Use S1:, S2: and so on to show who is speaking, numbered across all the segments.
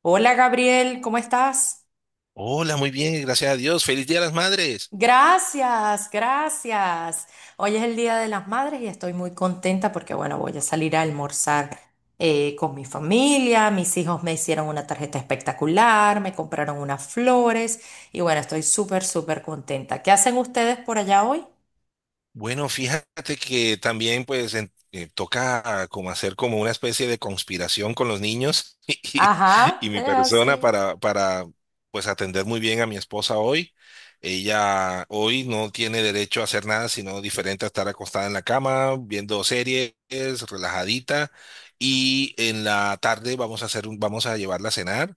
S1: Hola Gabriel, ¿cómo estás?
S2: Hola, muy bien, gracias a Dios. Feliz Día de las Madres.
S1: Gracias, gracias. Hoy es el Día de las Madres y estoy muy contenta porque, bueno, voy a salir a almorzar con mi familia. Mis hijos me hicieron una tarjeta espectacular, me compraron unas flores y, bueno, estoy súper, súper contenta. ¿Qué hacen ustedes por allá hoy?
S2: Bueno, fíjate que también pues toca como hacer como una especie de conspiración con los niños y,
S1: Ajá,
S2: y mi
S1: es
S2: persona
S1: así.
S2: para pues atender muy bien a mi esposa hoy. Ella hoy no tiene derecho a hacer nada sino diferente a estar acostada en la cama, viendo series, relajadita. Y en la tarde vamos a llevarla a cenar.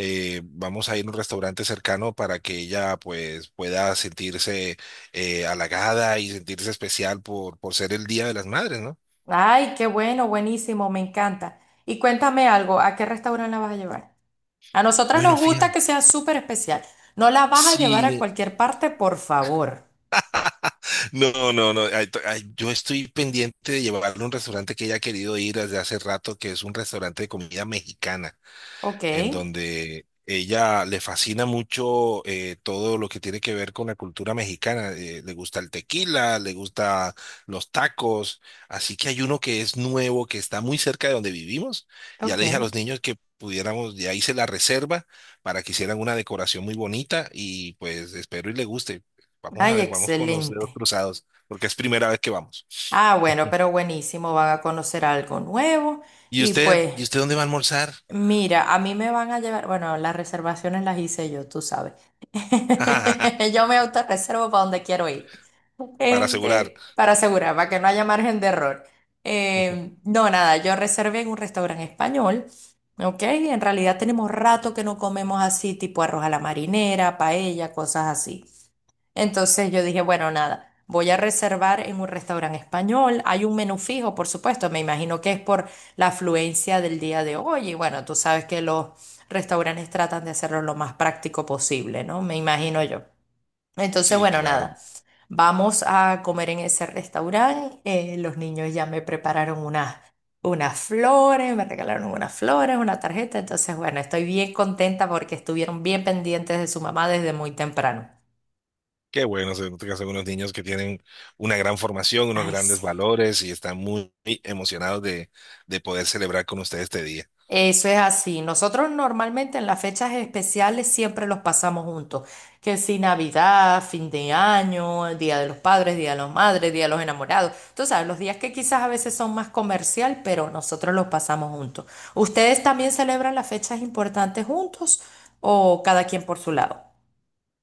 S2: Vamos a ir a un restaurante cercano para que ella pues pueda sentirse halagada y sentirse especial por ser el Día de las Madres, ¿no?
S1: Ay, qué bueno, buenísimo, me encanta. Y cuéntame algo, ¿a qué restaurante la vas a llevar? A nosotras
S2: Bueno,
S1: nos gusta
S2: fíjate.
S1: que sea súper especial. No la vas a llevar a
S2: Sí,
S1: cualquier parte, por favor.
S2: no, no, no. Ay, yo estoy pendiente de llevarle a un restaurante que ella ha querido ir desde hace rato, que es un restaurante de comida mexicana.
S1: Ok,
S2: En donde ella le fascina mucho todo lo que tiene que ver con la cultura mexicana. Le gusta el tequila, le gusta los tacos. Así que hay uno que es nuevo, que está muy cerca de donde vivimos. Ya
S1: ok.
S2: le dije a los niños que pudiéramos, ya se la reserva para que hicieran una decoración muy bonita y pues espero y le guste. Vamos a
S1: Ay,
S2: ver, vamos con los dedos
S1: excelente.
S2: cruzados, porque es primera vez que vamos.
S1: Ah, bueno, pero buenísimo, van a conocer algo nuevo.
S2: ¿Y
S1: Y
S2: usted,
S1: pues,
S2: y usted dónde va a almorzar?
S1: mira, a mí me van a llevar, bueno, las reservaciones las hice yo, tú sabes. Yo me autorreservo para donde quiero ir.
S2: Para asegurar.
S1: Este, para asegurar, para que no haya margen de error. No, nada, yo reservé en un restaurante español, ¿ok? En realidad tenemos rato que no comemos así, tipo arroz a la marinera, paella, cosas así. Entonces yo dije, bueno, nada, voy a reservar en un restaurante español. Hay un menú fijo, por supuesto, me imagino que es por la afluencia del día de hoy. Y bueno, tú sabes que los restaurantes tratan de hacerlo lo más práctico posible, ¿no? Me imagino yo. Entonces,
S2: Sí,
S1: bueno,
S2: claro.
S1: nada, vamos a comer en ese restaurante. Los niños ya me prepararon unas flores, me regalaron unas flores, una tarjeta. Entonces, bueno, estoy bien contenta porque estuvieron bien pendientes de su mamá desde muy temprano.
S2: Qué bueno, se nota que son unos niños que tienen una gran formación, unos
S1: Ay,
S2: grandes
S1: sí.
S2: valores y están muy emocionados de poder celebrar con ustedes este día.
S1: Eso es así. Nosotros normalmente en las fechas especiales siempre los pasamos juntos. Que si Navidad, fin de año, el Día de los Padres, Día de las Madres, Día de los Enamorados. Tú sabes, los días que quizás a veces son más comercial, pero nosotros los pasamos juntos. ¿Ustedes también celebran las fechas importantes juntos o cada quien por su lado?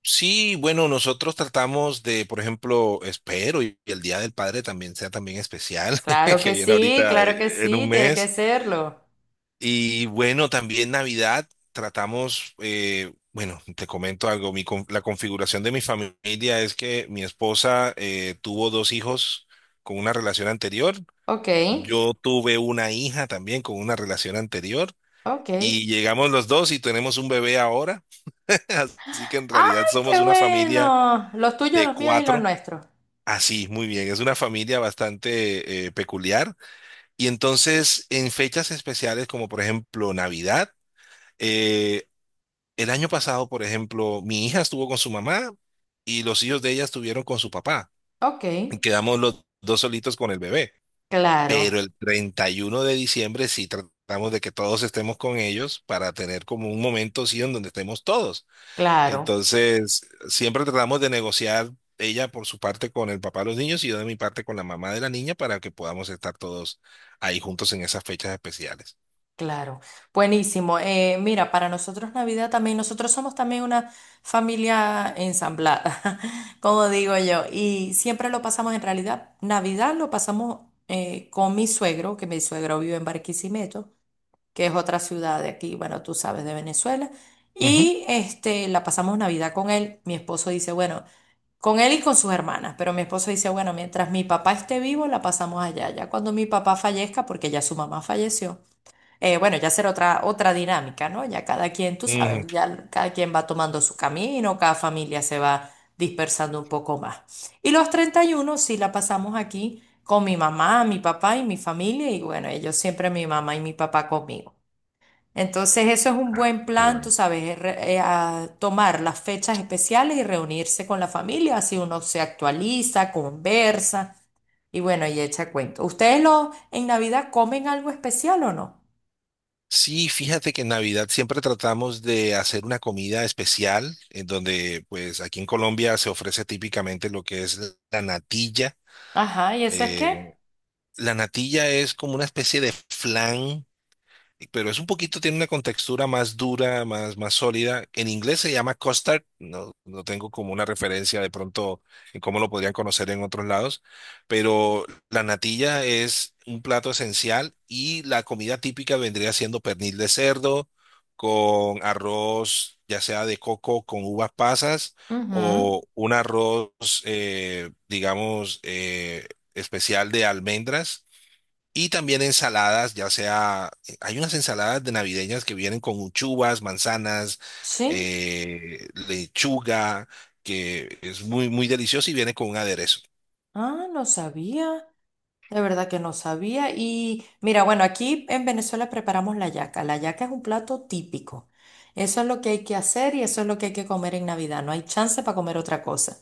S2: Sí, bueno, nosotros tratamos de, por ejemplo, espero y el Día del Padre también sea también especial, que viene ahorita
S1: Claro que
S2: en
S1: sí,
S2: un
S1: tiene que
S2: mes.
S1: serlo.
S2: Y bueno, también Navidad tratamos, bueno, te comento algo, la configuración de mi familia es que mi esposa tuvo dos hijos con una relación anterior,
S1: Ok,
S2: yo tuve una hija también con una relación anterior
S1: ok.
S2: y llegamos los dos y tenemos un bebé ahora, así que en
S1: ¡Ay,
S2: realidad somos
S1: qué
S2: una familia
S1: bueno! Los tuyos,
S2: de
S1: los míos y los
S2: cuatro.
S1: nuestros.
S2: Así, muy bien, es una familia bastante peculiar. Y entonces, en fechas especiales como por ejemplo Navidad. eh, El año pasado, por ejemplo, mi hija estuvo con su mamá y los hijos de ella estuvieron con su papá.
S1: Ok.
S2: Quedamos los dos solitos con el bebé.
S1: Claro,
S2: Pero el 31 de diciembre sí tratamos de que todos estemos con ellos para tener como un momento, sí, en donde estemos todos.
S1: claro,
S2: Entonces, siempre tratamos de negociar ella por su parte con el papá de los niños y yo de mi parte con la mamá de la niña para que podamos estar todos ahí juntos en esas fechas especiales.
S1: claro. Buenísimo. Mira, para nosotros Navidad también, nosotros somos también una familia ensamblada, como digo yo, y siempre lo pasamos en realidad. Navidad lo pasamos con mi suegro, que mi suegro vive en Barquisimeto, que es otra ciudad de aquí, bueno, tú sabes, de Venezuela.
S2: Ujú,
S1: Y este, la pasamos Navidad con él. Mi esposo dice, bueno. Con él y con sus hermanas, pero mi esposo dice, bueno, mientras mi papá esté vivo, la pasamos allá. Ya cuando mi papá fallezca, porque ya su mamá falleció, bueno, ya será otra dinámica, ¿no? Ya cada quien, tú
S2: ujú.
S1: sabes, ya cada quien va tomando su camino, cada familia se va dispersando un poco más. Y los 31 sí la pasamos aquí con mi mamá, mi papá y mi familia, y bueno, ellos siempre mi mamá y mi papá conmigo. Entonces eso es un buen
S2: Qué
S1: plan, tú
S2: bueno.
S1: sabes, es a tomar las fechas especiales y reunirse con la familia, así uno se actualiza, conversa y bueno, y echa cuento. ¿Ustedes lo, en Navidad comen algo especial o no?
S2: Sí, fíjate que en Navidad siempre tratamos de hacer una comida especial, en donde pues aquí en Colombia se ofrece típicamente lo que es la natilla.
S1: Ajá, ¿y eso es qué?
S2: Eh, la natilla es como una especie de flan pero es un poquito, tiene una contextura más dura, más sólida. En inglés se llama custard, no, no tengo como una referencia de pronto en cómo lo podrían conocer en otros lados, pero la natilla es un plato esencial y la comida típica vendría siendo pernil de cerdo con arroz, ya sea de coco con uvas pasas
S1: Ujú,
S2: o un arroz, digamos, especial de almendras y también ensaladas, ya sea, hay unas ensaladas de navideñas que vienen con uchubas, manzanas,
S1: sí.
S2: lechuga, que es muy, muy delicioso y viene con un aderezo.
S1: Ah, no sabía. De verdad que no sabía. Y mira, bueno, aquí en Venezuela preparamos la yaca. La yaca es un plato típico. Eso es lo que hay que hacer y eso es lo que hay que comer en Navidad. No hay chance para comer otra cosa.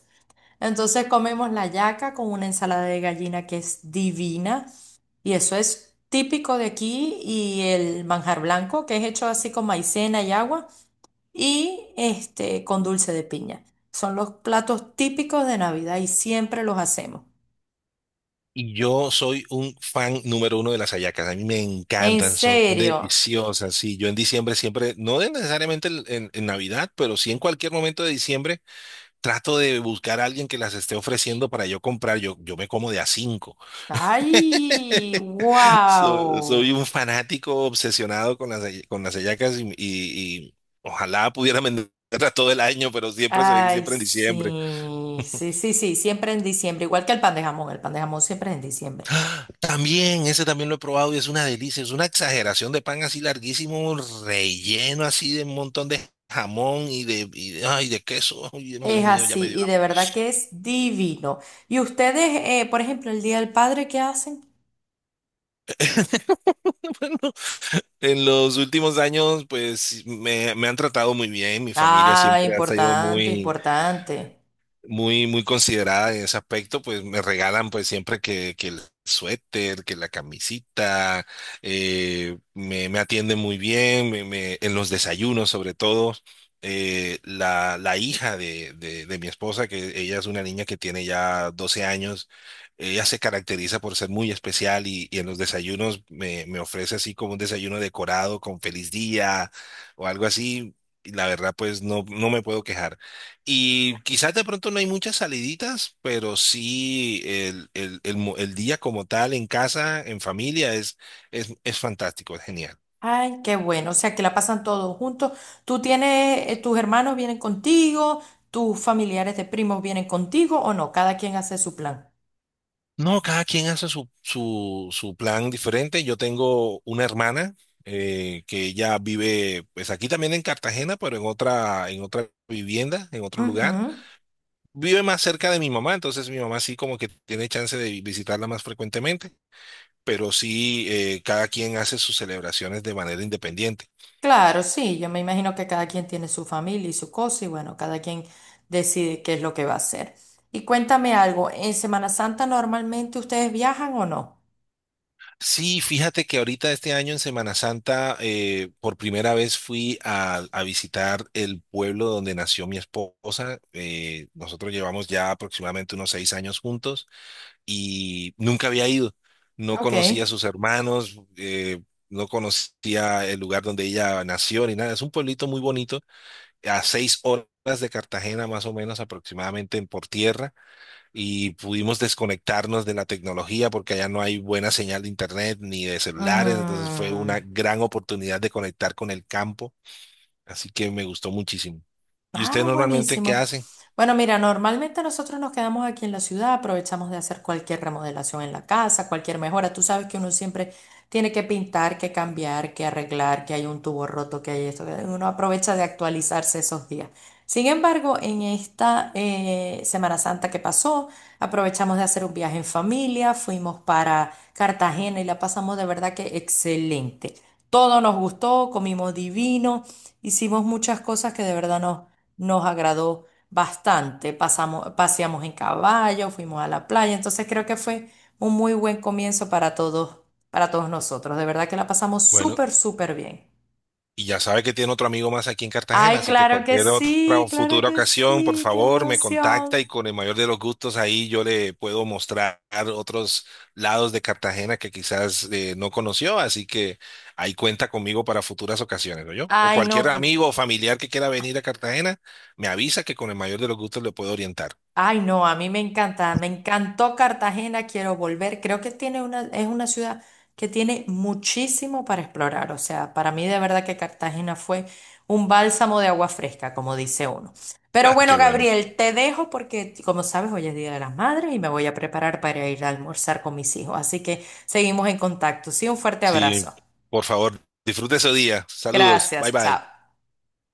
S1: Entonces comemos la yaca con una ensalada de gallina que es divina y eso es típico de aquí y el manjar blanco que es hecho así con maicena y agua y este con dulce de piña. Son los platos típicos de Navidad y siempre los hacemos.
S2: Y yo soy un fan número uno de las hallacas. A mí me
S1: En
S2: encantan, son
S1: serio.
S2: deliciosas. Sí, yo en diciembre siempre, no necesariamente en Navidad, pero sí en cualquier momento de diciembre, trato de buscar a alguien que las esté ofreciendo para yo comprar. Yo me como de a cinco.
S1: Ay,
S2: Soy
S1: wow.
S2: un fanático obsesionado con las hallacas y ojalá pudiera venderlas todo el año, pero siempre se ve que
S1: Ay,
S2: siempre en diciembre.
S1: sí, sí, sí, sí, siempre en diciembre, igual que el pan de jamón, el pan de jamón siempre es en diciembre.
S2: ¡Ah! También, ese también lo he probado y es una delicia, es una exageración de pan así larguísimo, relleno así de un montón de jamón y de queso. Ay,
S1: Es
S2: Dios mío, ya me
S1: así,
S2: dio
S1: y de
S2: hambre.
S1: verdad que es divino. ¿Y ustedes, por ejemplo, el Día del Padre, qué hacen?
S2: En los últimos años, pues me han tratado muy bien, mi familia
S1: Ah,
S2: siempre ha sido
S1: importante,
S2: muy
S1: importante.
S2: muy, muy considerada en ese aspecto, pues me regalan pues siempre que el suéter, que la camisita, me atienden muy bien, en los desayunos sobre todo. La hija de mi esposa, que ella es una niña que tiene ya 12 años, ella se caracteriza por ser muy especial y en los desayunos me ofrece así como un desayuno decorado con feliz día o algo así. Y la verdad, pues no, no me puedo quejar. Y quizás de pronto no hay muchas saliditas, pero sí el día como tal en casa, en familia, es, es fantástico, es genial.
S1: Ay, qué bueno, o sea, que la pasan todos juntos. ¿Tú tienes, tus hermanos vienen contigo, tus familiares de primos vienen contigo o no? Cada quien hace su plan.
S2: No, cada quien hace su plan diferente. Yo tengo una hermana que ella vive, pues aquí también en Cartagena, pero en otra vivienda, en otro lugar.
S1: Ujú,
S2: Vive más cerca de mi mamá, entonces mi mamá sí como que tiene chance de visitarla más frecuentemente, pero sí cada quien hace sus celebraciones de manera independiente.
S1: claro, sí, yo me imagino que cada quien tiene su familia y su cosa y bueno, cada quien decide qué es lo que va a hacer. Y cuéntame algo, ¿en Semana Santa normalmente ustedes viajan o no?
S2: Sí, fíjate que ahorita este año en Semana Santa por primera vez fui a visitar el pueblo donde nació mi esposa. Nosotros llevamos ya aproximadamente unos 6 años juntos y nunca había ido. No
S1: Ok.
S2: conocía a sus hermanos, no conocía el lugar donde ella nació ni nada. Es un pueblito muy bonito, a 6 horas de Cartagena más o menos aproximadamente por tierra y pudimos desconectarnos de la tecnología porque allá no hay buena señal de internet ni de celulares, entonces fue
S1: Mm.
S2: una gran oportunidad de conectar con el campo, así que me gustó muchísimo. ¿Y usted
S1: Ah,
S2: normalmente qué
S1: buenísimo.
S2: hace?
S1: Bueno, mira, normalmente nosotros nos quedamos aquí en la ciudad, aprovechamos de hacer cualquier remodelación en la casa, cualquier mejora. Tú sabes que uno siempre tiene que pintar, que cambiar, que arreglar, que hay un tubo roto, que hay esto. Uno aprovecha de actualizarse esos días. Sin embargo, en esta Semana Santa que pasó, aprovechamos de hacer un viaje en familia, fuimos para Cartagena y la pasamos de verdad que excelente. Todo nos gustó, comimos divino, hicimos muchas cosas que de verdad nos agradó bastante. Paseamos en caballo, fuimos a la playa, entonces creo que fue un muy buen comienzo para todos nosotros. De verdad que la pasamos
S2: Bueno,
S1: súper, súper bien.
S2: y ya sabe que tiene otro amigo más aquí en Cartagena,
S1: Ay,
S2: así que cualquier otra o
S1: claro
S2: futura
S1: que
S2: ocasión, por
S1: sí, qué
S2: favor, me contacta y
S1: emoción.
S2: con el mayor de los gustos ahí yo le puedo mostrar otros lados de Cartagena que quizás no conoció, así que ahí cuenta conmigo para futuras ocasiones, ¿no yo? O
S1: Ay,
S2: cualquier
S1: no.
S2: amigo o familiar que quiera venir a Cartagena, me avisa que con el mayor de los gustos le puedo orientar.
S1: Ay, no, a mí me encanta, me encantó Cartagena, quiero volver. Creo que tiene una, es una ciudad que tiene muchísimo para explorar. O sea, para mí de verdad que Cartagena fue un bálsamo de agua fresca, como dice uno. Pero bueno,
S2: Qué bueno.
S1: Gabriel, te dejo porque, como sabes, hoy es Día de las Madres y me voy a preparar para ir a almorzar con mis hijos. Así que seguimos en contacto. Sí, un fuerte
S2: Sí,
S1: abrazo.
S2: por favor, disfrute su día. Saludos. Bye
S1: Gracias, chao.
S2: bye.